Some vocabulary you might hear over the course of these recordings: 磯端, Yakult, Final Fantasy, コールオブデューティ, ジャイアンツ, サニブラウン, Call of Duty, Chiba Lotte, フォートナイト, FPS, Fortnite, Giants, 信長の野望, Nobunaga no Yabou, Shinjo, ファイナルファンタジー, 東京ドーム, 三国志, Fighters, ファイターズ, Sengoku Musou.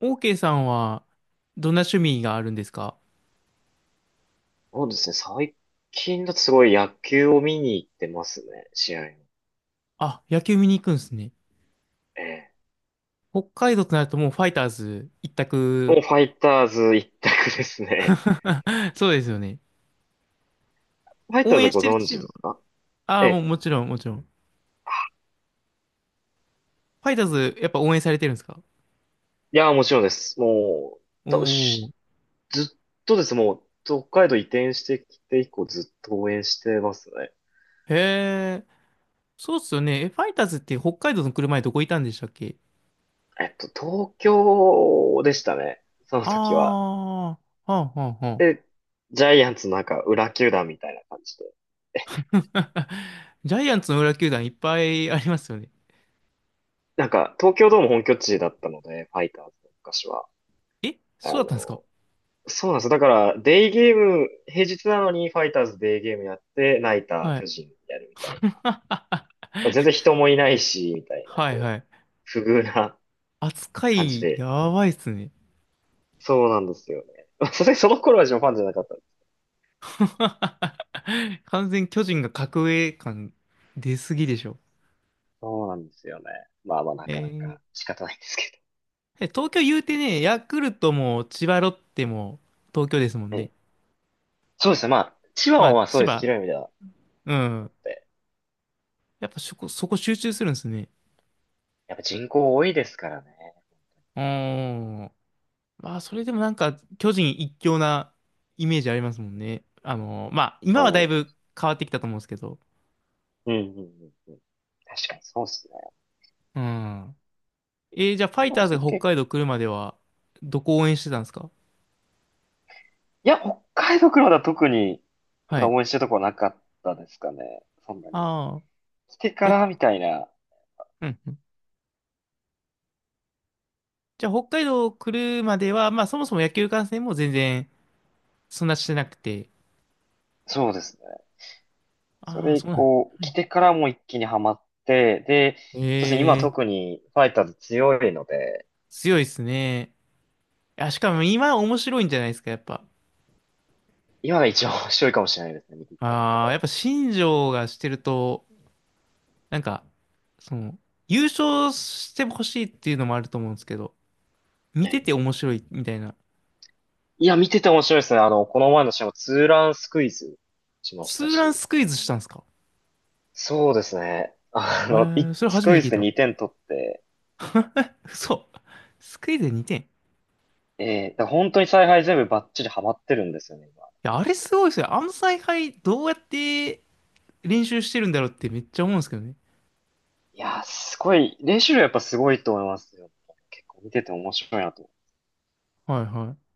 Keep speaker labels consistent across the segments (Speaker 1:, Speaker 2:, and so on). Speaker 1: OK さんは、どんな趣味があるんですか？
Speaker 2: そうですね。最近だとすごい野球を見に行ってますね。試合を。
Speaker 1: あ、野球見に行くんですね。
Speaker 2: ええ。
Speaker 1: 北海道となるともうファイターズ一
Speaker 2: もう
Speaker 1: 択。
Speaker 2: ファイターズ一択ですね。
Speaker 1: そうですよね。
Speaker 2: ファイタ
Speaker 1: 応
Speaker 2: ーズ
Speaker 1: 援
Speaker 2: は
Speaker 1: し
Speaker 2: ご
Speaker 1: てる
Speaker 2: 存
Speaker 1: チー
Speaker 2: 知
Speaker 1: ム。
Speaker 2: ですか？
Speaker 1: あ
Speaker 2: え
Speaker 1: あ、もう
Speaker 2: え。
Speaker 1: もちろん、もちろん。ファイターズ、やっぱ応援されてるんですか？
Speaker 2: いや、もちろんです。もう、
Speaker 1: お
Speaker 2: だ
Speaker 1: おー。
Speaker 2: しずっとですねもう、北海道移転してきて以降ずっと応援してますね。
Speaker 1: へえ。そうっすよね。え、ファイターズって北海道の来る前どこいたんでしたっけ？
Speaker 2: 東京でしたね。その
Speaker 1: あ
Speaker 2: 時は。
Speaker 1: あ、はあ、はあ、はあ。
Speaker 2: で、ジャイアンツのなんか裏球団みたいな感じで。え
Speaker 1: ジャイアンツの裏球団いっぱいありますよね。
Speaker 2: なんか、東京ドーム本拠地だったので、ファイターズの昔は。
Speaker 1: え、
Speaker 2: あ
Speaker 1: そうだったんですか？
Speaker 2: の、そうなんですよ。だから、デイゲーム、平日なのにファイターズデイゲームやって、ナイター
Speaker 1: はい。
Speaker 2: 巨人やるみたい な。全然人もいないし、みたいな、
Speaker 1: はい、
Speaker 2: こう、
Speaker 1: はい。
Speaker 2: 不遇な
Speaker 1: 扱
Speaker 2: 感じ
Speaker 1: い、
Speaker 2: で。
Speaker 1: やばいっすね。
Speaker 2: そうなんですよね。まあさすがにその頃はジョンファンじゃなかったんです。
Speaker 1: 完全巨人が格上感出すぎでしょ。
Speaker 2: そうなんですよね。まあまあ、な
Speaker 1: え
Speaker 2: かな
Speaker 1: ー、
Speaker 2: か仕方ないんですけ
Speaker 1: え、東京言うてね、ヤクルトも千葉ロッテも東京ですもんね。
Speaker 2: ど。ええ、そうですね。まあ、千葉
Speaker 1: ま
Speaker 2: は
Speaker 1: あ、
Speaker 2: まあそう
Speaker 1: 千
Speaker 2: です。
Speaker 1: 葉、
Speaker 2: 広い意味では。
Speaker 1: う
Speaker 2: だ
Speaker 1: ん。
Speaker 2: って
Speaker 1: やっぱそこ集中するんですね。
Speaker 2: やっぱ人口多いですからね。
Speaker 1: うーん。まあ、それでもなんか巨人一強なイメージありますもんね。あの、まあ、今はだい
Speaker 2: そ
Speaker 1: ぶ変わってきたと思うんですけど。
Speaker 2: う。うんうんうんうん。確かにそうですね。
Speaker 1: うん。えー、じゃあファイ
Speaker 2: ま
Speaker 1: タ
Speaker 2: あ
Speaker 1: ー
Speaker 2: そ
Speaker 1: ズ
Speaker 2: れ
Speaker 1: が
Speaker 2: と
Speaker 1: 北
Speaker 2: 結
Speaker 1: 海道来るまでは、どこ応援してたんですか？
Speaker 2: いや、北海道からだ特に、特
Speaker 1: はい。
Speaker 2: 段応援してるとこはなかったですかね。そんなに。
Speaker 1: ああ、
Speaker 2: 来てか
Speaker 1: え、
Speaker 2: らみたいな。
Speaker 1: うんうん。じゃあ、北海道来るまでは、まあ、そもそも野球観戦も全然、そんなしてなくて。
Speaker 2: そうですね。そ
Speaker 1: ああ、
Speaker 2: れ以
Speaker 1: そうなん。
Speaker 2: 降、来てからも一気にハマって、で、
Speaker 1: え
Speaker 2: そうですね、今
Speaker 1: えー、
Speaker 2: 特にファイターズ強いので、
Speaker 1: 強いですね。あ、し
Speaker 2: え
Speaker 1: かも
Speaker 2: え、
Speaker 1: 今面白いんじゃないですか、やっぱ。
Speaker 2: 今が一番面白いかもしれないですね、見てきた中
Speaker 1: ああ、
Speaker 2: で。
Speaker 1: やっぱ新庄がしてると、なんか、その、優勝してほしいっていうのもあると思うんですけど、見
Speaker 2: え
Speaker 1: て
Speaker 2: え、
Speaker 1: て面白いみたいな。
Speaker 2: いや、見てて面白いですね。あの、この前の試合もツーランスクイズしまし
Speaker 1: ツ
Speaker 2: た
Speaker 1: ーラン
Speaker 2: し。
Speaker 1: スクイズしたんですか？
Speaker 2: そうですね。あ
Speaker 1: え
Speaker 2: の、
Speaker 1: ー、それ
Speaker 2: ス
Speaker 1: 初
Speaker 2: ク
Speaker 1: め
Speaker 2: イ
Speaker 1: て聞
Speaker 2: ズ
Speaker 1: い
Speaker 2: で
Speaker 1: た。
Speaker 2: 2点取って、
Speaker 1: 嘘。スクイズでにて点。
Speaker 2: ええ、だから本当に采配全部バッチリハマってるんですよね。
Speaker 1: や、あれすごいですよ。あの采配どうやって練習してるんだろうってめっちゃ思うんですけどね。
Speaker 2: いやー、すごい、練習量やっぱすごいと思いますよ。結構見てて面白いなと。
Speaker 1: はいはい。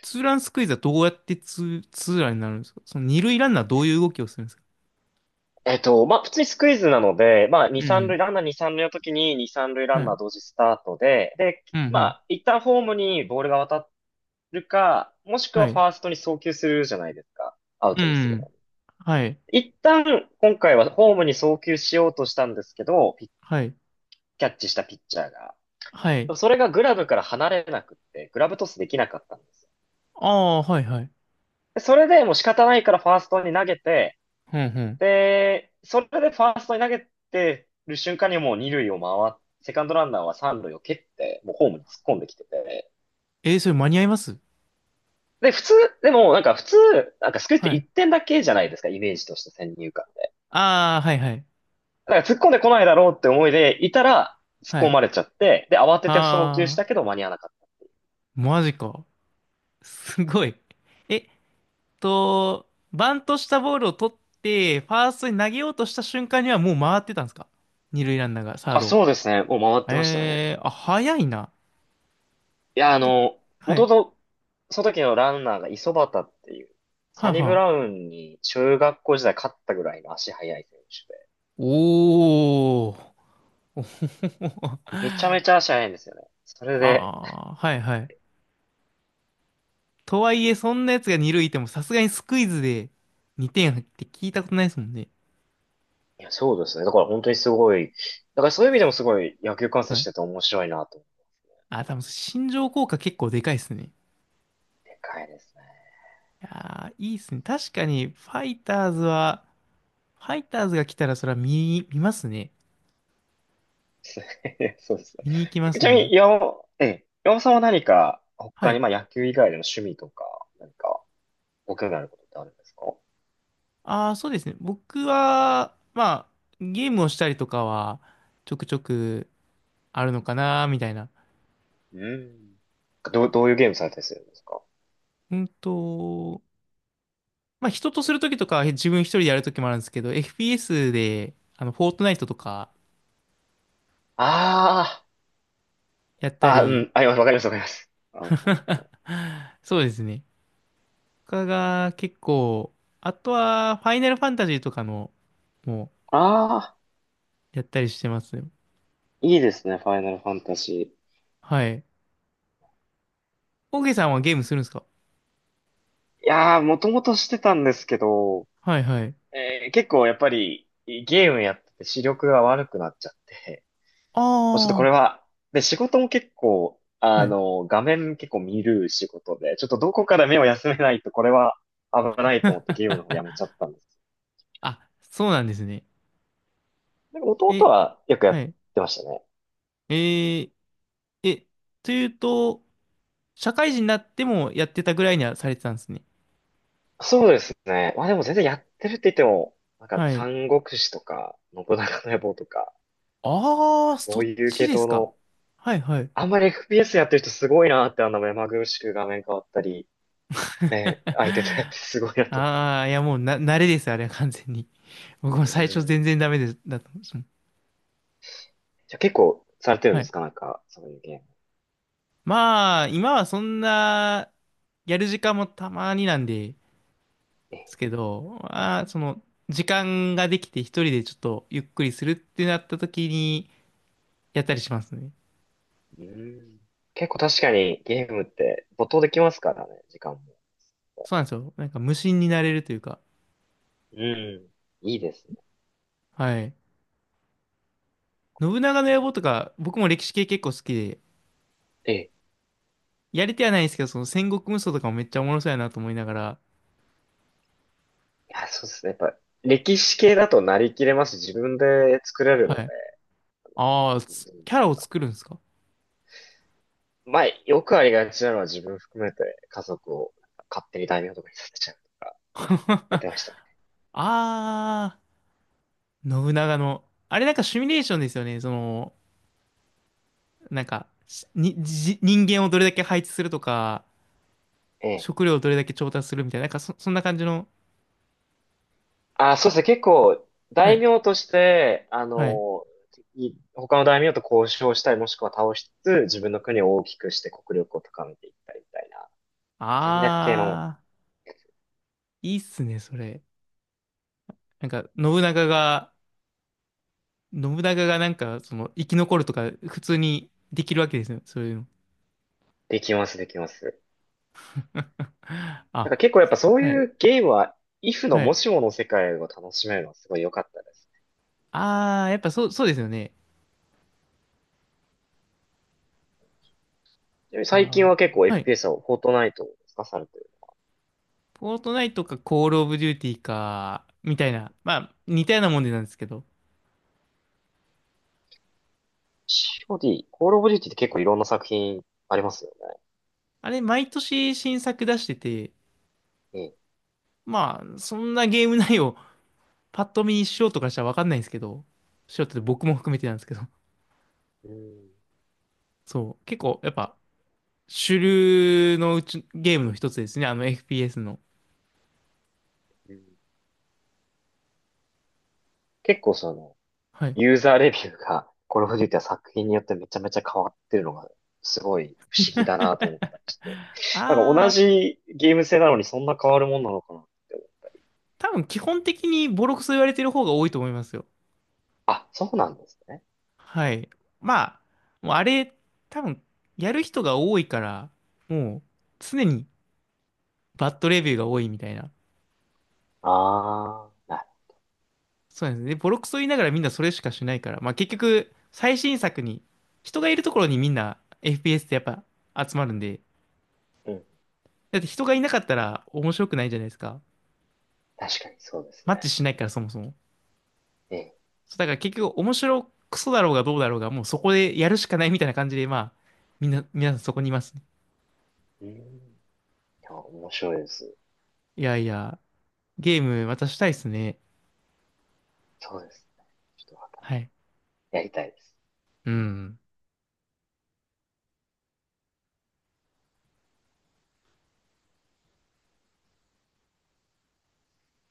Speaker 1: ツーランスクイズはどうやってツーランになるんですか？その二塁ランナーどういう動きをするんですか？
Speaker 2: まあ、普通にスクイズなので、まあ、2、
Speaker 1: うんう
Speaker 2: 3
Speaker 1: ん。
Speaker 2: 塁、ランナー2、3塁の時に2、3塁ラ
Speaker 1: は
Speaker 2: ンナー
Speaker 1: い。
Speaker 2: 同時スタートで、で、
Speaker 1: うんう
Speaker 2: ま
Speaker 1: ん。
Speaker 2: あ、一旦ホームにボールが渡るか、もしくは
Speaker 1: は
Speaker 2: フ
Speaker 1: い。
Speaker 2: ァーストに送球するじゃないですか。アウ
Speaker 1: う
Speaker 2: トに
Speaker 1: ん
Speaker 2: す
Speaker 1: う
Speaker 2: るの。
Speaker 1: ん。はい。
Speaker 2: 一旦、今回はホームに送球しようとしたんですけど、
Speaker 1: はい。
Speaker 2: キャッチしたピッチャーが。
Speaker 1: はい。
Speaker 2: それがグラブから離れなくって、グラブトスできなかったんですよ。
Speaker 1: ああ、はいはい。
Speaker 2: でそれでもう仕方ないからファーストに投げて、
Speaker 1: うんうん。
Speaker 2: で、それでファーストに投げてる瞬間にもう二塁を回って、セカンドランナーは三塁を蹴って、もうホームに突っ込んできてて。
Speaker 1: えー、それ間に合います？
Speaker 2: で、普通、でもなんか普通、なんかスクイズっ
Speaker 1: は
Speaker 2: て
Speaker 1: い。
Speaker 2: 1点だけじゃないですか、イメージとして先入観で。
Speaker 1: ああ、はいはい。
Speaker 2: だから突っ込んでこないだろうって思いでいたら、突
Speaker 1: は
Speaker 2: っ込
Speaker 1: い。
Speaker 2: まれちゃって、で、慌てて送球し
Speaker 1: あ
Speaker 2: た
Speaker 1: あ、
Speaker 2: けど間に合わなかっ
Speaker 1: マジか。すごい。え、と、バントしたボールを取って、ファーストに投げようとした瞬間にはもう回ってたんですか？二塁ランナーがサ
Speaker 2: た。
Speaker 1: ー
Speaker 2: あ、
Speaker 1: ドを。
Speaker 2: そうですね。もう回ってましたね。
Speaker 1: えー、あ、早いな。
Speaker 2: いや、あ
Speaker 1: で、
Speaker 2: の、も
Speaker 1: は
Speaker 2: とも
Speaker 1: い。
Speaker 2: と、その時のランナーが磯端っていう、
Speaker 1: は
Speaker 2: サ
Speaker 1: あ、
Speaker 2: ニ
Speaker 1: は
Speaker 2: ブラ
Speaker 1: あ。
Speaker 2: ウンに中学校時代勝ったぐらいの足速い選手で。
Speaker 1: おー。
Speaker 2: めちゃめちゃ足早いんですよね。それで、
Speaker 1: はあ、はいはい。とはいえ、そんなやつが二塁いても、さすがにスクイズで2点入って聞いたことないですもんね。
Speaker 2: いや、そうですね。だから本当にすごい、だからそういう意味でもすごい野球観戦
Speaker 1: は
Speaker 2: し
Speaker 1: い。
Speaker 2: てて面白いなと思っ
Speaker 1: あ、多分、心情効果結構でかいですね。
Speaker 2: て。でかいですね。
Speaker 1: いやー、いいっすね。確かに、ファイターズは、ファイターズが来たらそれは見ますね。
Speaker 2: そうです
Speaker 1: 見に行きま
Speaker 2: ね。ち
Speaker 1: す
Speaker 2: なみ
Speaker 1: ね。
Speaker 2: に、岩尾さんは何か、
Speaker 1: は
Speaker 2: 他に、
Speaker 1: い。
Speaker 2: まあ野球以外での趣味とか、何か、ご興味あることってあるんですか？
Speaker 1: ああ、そうですね。僕は、まあ、ゲームをしたりとかは、ちょくちょくあるのかな、みたいな。
Speaker 2: うん。どういうゲームされたりするんですか？
Speaker 1: うんと、まあ、人とするときとかは自分一人でやるときもあるんですけど、FPS で、あの、フォートナイトとか
Speaker 2: あ
Speaker 1: やった
Speaker 2: あ、あ、う
Speaker 1: り、
Speaker 2: ん、あ、わかります、わかります。アウトナ イト。
Speaker 1: そうですね。他が結構、あとは、ファイナルファンタジーとかの、も
Speaker 2: ああ、
Speaker 1: う、やったりしてますね。
Speaker 2: いいですね、ファイナルファンタジ
Speaker 1: はい。オーケーさんはゲー
Speaker 2: ー。
Speaker 1: ムするんですか？
Speaker 2: いやー、もともとしてたんですけど、
Speaker 1: はいはい。
Speaker 2: 結構やっぱりゲームやってて視力が悪くなっちゃって、
Speaker 1: あ
Speaker 2: もうちょっとこれ
Speaker 1: あ、
Speaker 2: は、で、仕事も結構、
Speaker 1: はい。
Speaker 2: 画面結構見る仕事で、ちょっとどこから目を休めないとこれは危ないと思ってゲームの 方やめちゃったんです。
Speaker 1: あ、そうなんですね。
Speaker 2: でも弟
Speaker 1: え、
Speaker 2: はよくや
Speaker 1: は
Speaker 2: っ
Speaker 1: い。
Speaker 2: てましたね。
Speaker 1: えー、え、というと、社会人になってもやってたぐらいにはされてたんですね。
Speaker 2: そうですね。まあでも全然やってるって言っても、なんか
Speaker 1: はい。
Speaker 2: 三国志とか、信長の野望とか、
Speaker 1: ああ、
Speaker 2: そ
Speaker 1: そ
Speaker 2: う
Speaker 1: っ
Speaker 2: いう
Speaker 1: ち
Speaker 2: 系
Speaker 1: です
Speaker 2: 統
Speaker 1: か。
Speaker 2: の、
Speaker 1: はいはい。
Speaker 2: あんまり FPS やってる人すごいなって、あんな目まぐるしく画面変わったり、ね、相手とやって すごいなと。
Speaker 1: ああ、いやもうな、慣れです、あれは完全に。僕も
Speaker 2: う
Speaker 1: 最初全
Speaker 2: ん。
Speaker 1: 然ダメです、だったんですもん。
Speaker 2: じゃあ結構されてるん
Speaker 1: は
Speaker 2: です
Speaker 1: い。
Speaker 2: か？なんか、そういうゲーム。
Speaker 1: まあ、今はそんな、やる時間もたまになんで
Speaker 2: え
Speaker 1: すけど、まあ、その、時間ができて一人でちょっとゆっくりするってなった時に、やったりしますね。
Speaker 2: うん。結構確かにゲームって没頭できますからね、時間も。
Speaker 1: そうなんですよ。なんか無心になれるというか。
Speaker 2: うん。いいですね。
Speaker 1: はい。信長の野望とか、僕も歴史系結構好きで、
Speaker 2: ええ。
Speaker 1: やりてはないんですけど、その戦国無双とかもめっちゃおもろそうやなと思いながら、
Speaker 2: いや、そうですね。やっぱ、歴史系だとなりきれますし、自分で作れるの
Speaker 1: は
Speaker 2: で。
Speaker 1: い。ああ、
Speaker 2: う
Speaker 1: つキャ
Speaker 2: ん、
Speaker 1: ラを作るんですか？
Speaker 2: まあ、よくありがちなのは自分含めて家族をなんか勝手に大名とかにさせちゃうとか、やっ てましたね。
Speaker 1: あー、信長の。あれなんかシミュレーションですよね。その、なんか、しに、じ人間をどれだけ配置するとか、
Speaker 2: ええ。
Speaker 1: 食料をどれだけ調達するみたいな、なんかそんな感じの。
Speaker 2: あ、そうですね。結構、
Speaker 1: は
Speaker 2: 大
Speaker 1: い。
Speaker 2: 名として、あ
Speaker 1: はい。
Speaker 2: の、他の大名と交渉したり、もしくは倒しつつ、自分の国を大きくして国力を高めていったりみたいな、戦略系の、
Speaker 1: あー、いいっすね、それ。なんか、信長が、信長がなんか、その、生き残るとか、普通にできるわけですよ。そういうの。
Speaker 2: できます、できます。だ
Speaker 1: あ、
Speaker 2: から結構やっぱそう
Speaker 1: はい。
Speaker 2: いうゲームは、イフの
Speaker 1: は
Speaker 2: も
Speaker 1: い。
Speaker 2: しもの世界を楽しめるのはすごい良かったです。
Speaker 1: あー、やっぱそう、そうですよね。
Speaker 2: ちなみに
Speaker 1: いや
Speaker 2: 最近
Speaker 1: ー、
Speaker 2: は結構
Speaker 1: はい。
Speaker 2: FPS はフォートナイトを使かされてる。
Speaker 1: フォートナイトか、コールオブデューティーか、みたいな。まあ、似たようなもんでなんですけど。
Speaker 2: COD、コールオブデューティって結構いろんな作品ありますよ
Speaker 1: あれ、毎年新作出してて、
Speaker 2: ね。
Speaker 1: まあ、そんなゲーム内容、パッと見素人からしたらわかんないんですけど、素人で僕も含めてなんですけど、
Speaker 2: うん。うん
Speaker 1: そう、結構、やっぱ、主流のうち、ゲームの一つですね、あの FPS の。
Speaker 2: うん、結構その、
Speaker 1: はい。
Speaker 2: ユーザーレビューが、これフジっは作品によってめちゃめちゃ変わってるのが、すごい不思議だなと思ったりして。なんか
Speaker 1: あ
Speaker 2: 同
Speaker 1: あ、
Speaker 2: じゲーム性なのにそんな変わるもんなのかなって思う。
Speaker 1: 多分基本的にボロクソ言われてる方が多いと思いますよ。
Speaker 2: あ、そうなんですね。
Speaker 1: はい。まあ、もうあれ、多分やる人が多いから、もう常にバッドレビューが多いみたいな。
Speaker 2: ああ、な
Speaker 1: そうなんですね。でボロクソ言いながらみんなそれしかしないから、まあ結局、最新作に、人がいるところにみんな FPS ってやっぱ集まるんで、
Speaker 2: る。うん。
Speaker 1: だって人がいなかったら面白くないじゃないですか。
Speaker 2: 確かにそうです
Speaker 1: マッチ
Speaker 2: ね。
Speaker 1: しないからそもそも。
Speaker 2: ええ。
Speaker 1: そうだから結局面白くそだろうがどうだろうが、もうそこでやるしかないみたいな感じで、まあ、みんな、皆さんそこにいますね。
Speaker 2: うん。いや面白いです。
Speaker 1: いやいや、ゲームまたしたいっすね。
Speaker 2: そうですね。ちょっとま
Speaker 1: はい。
Speaker 2: たやりたいです。
Speaker 1: うん。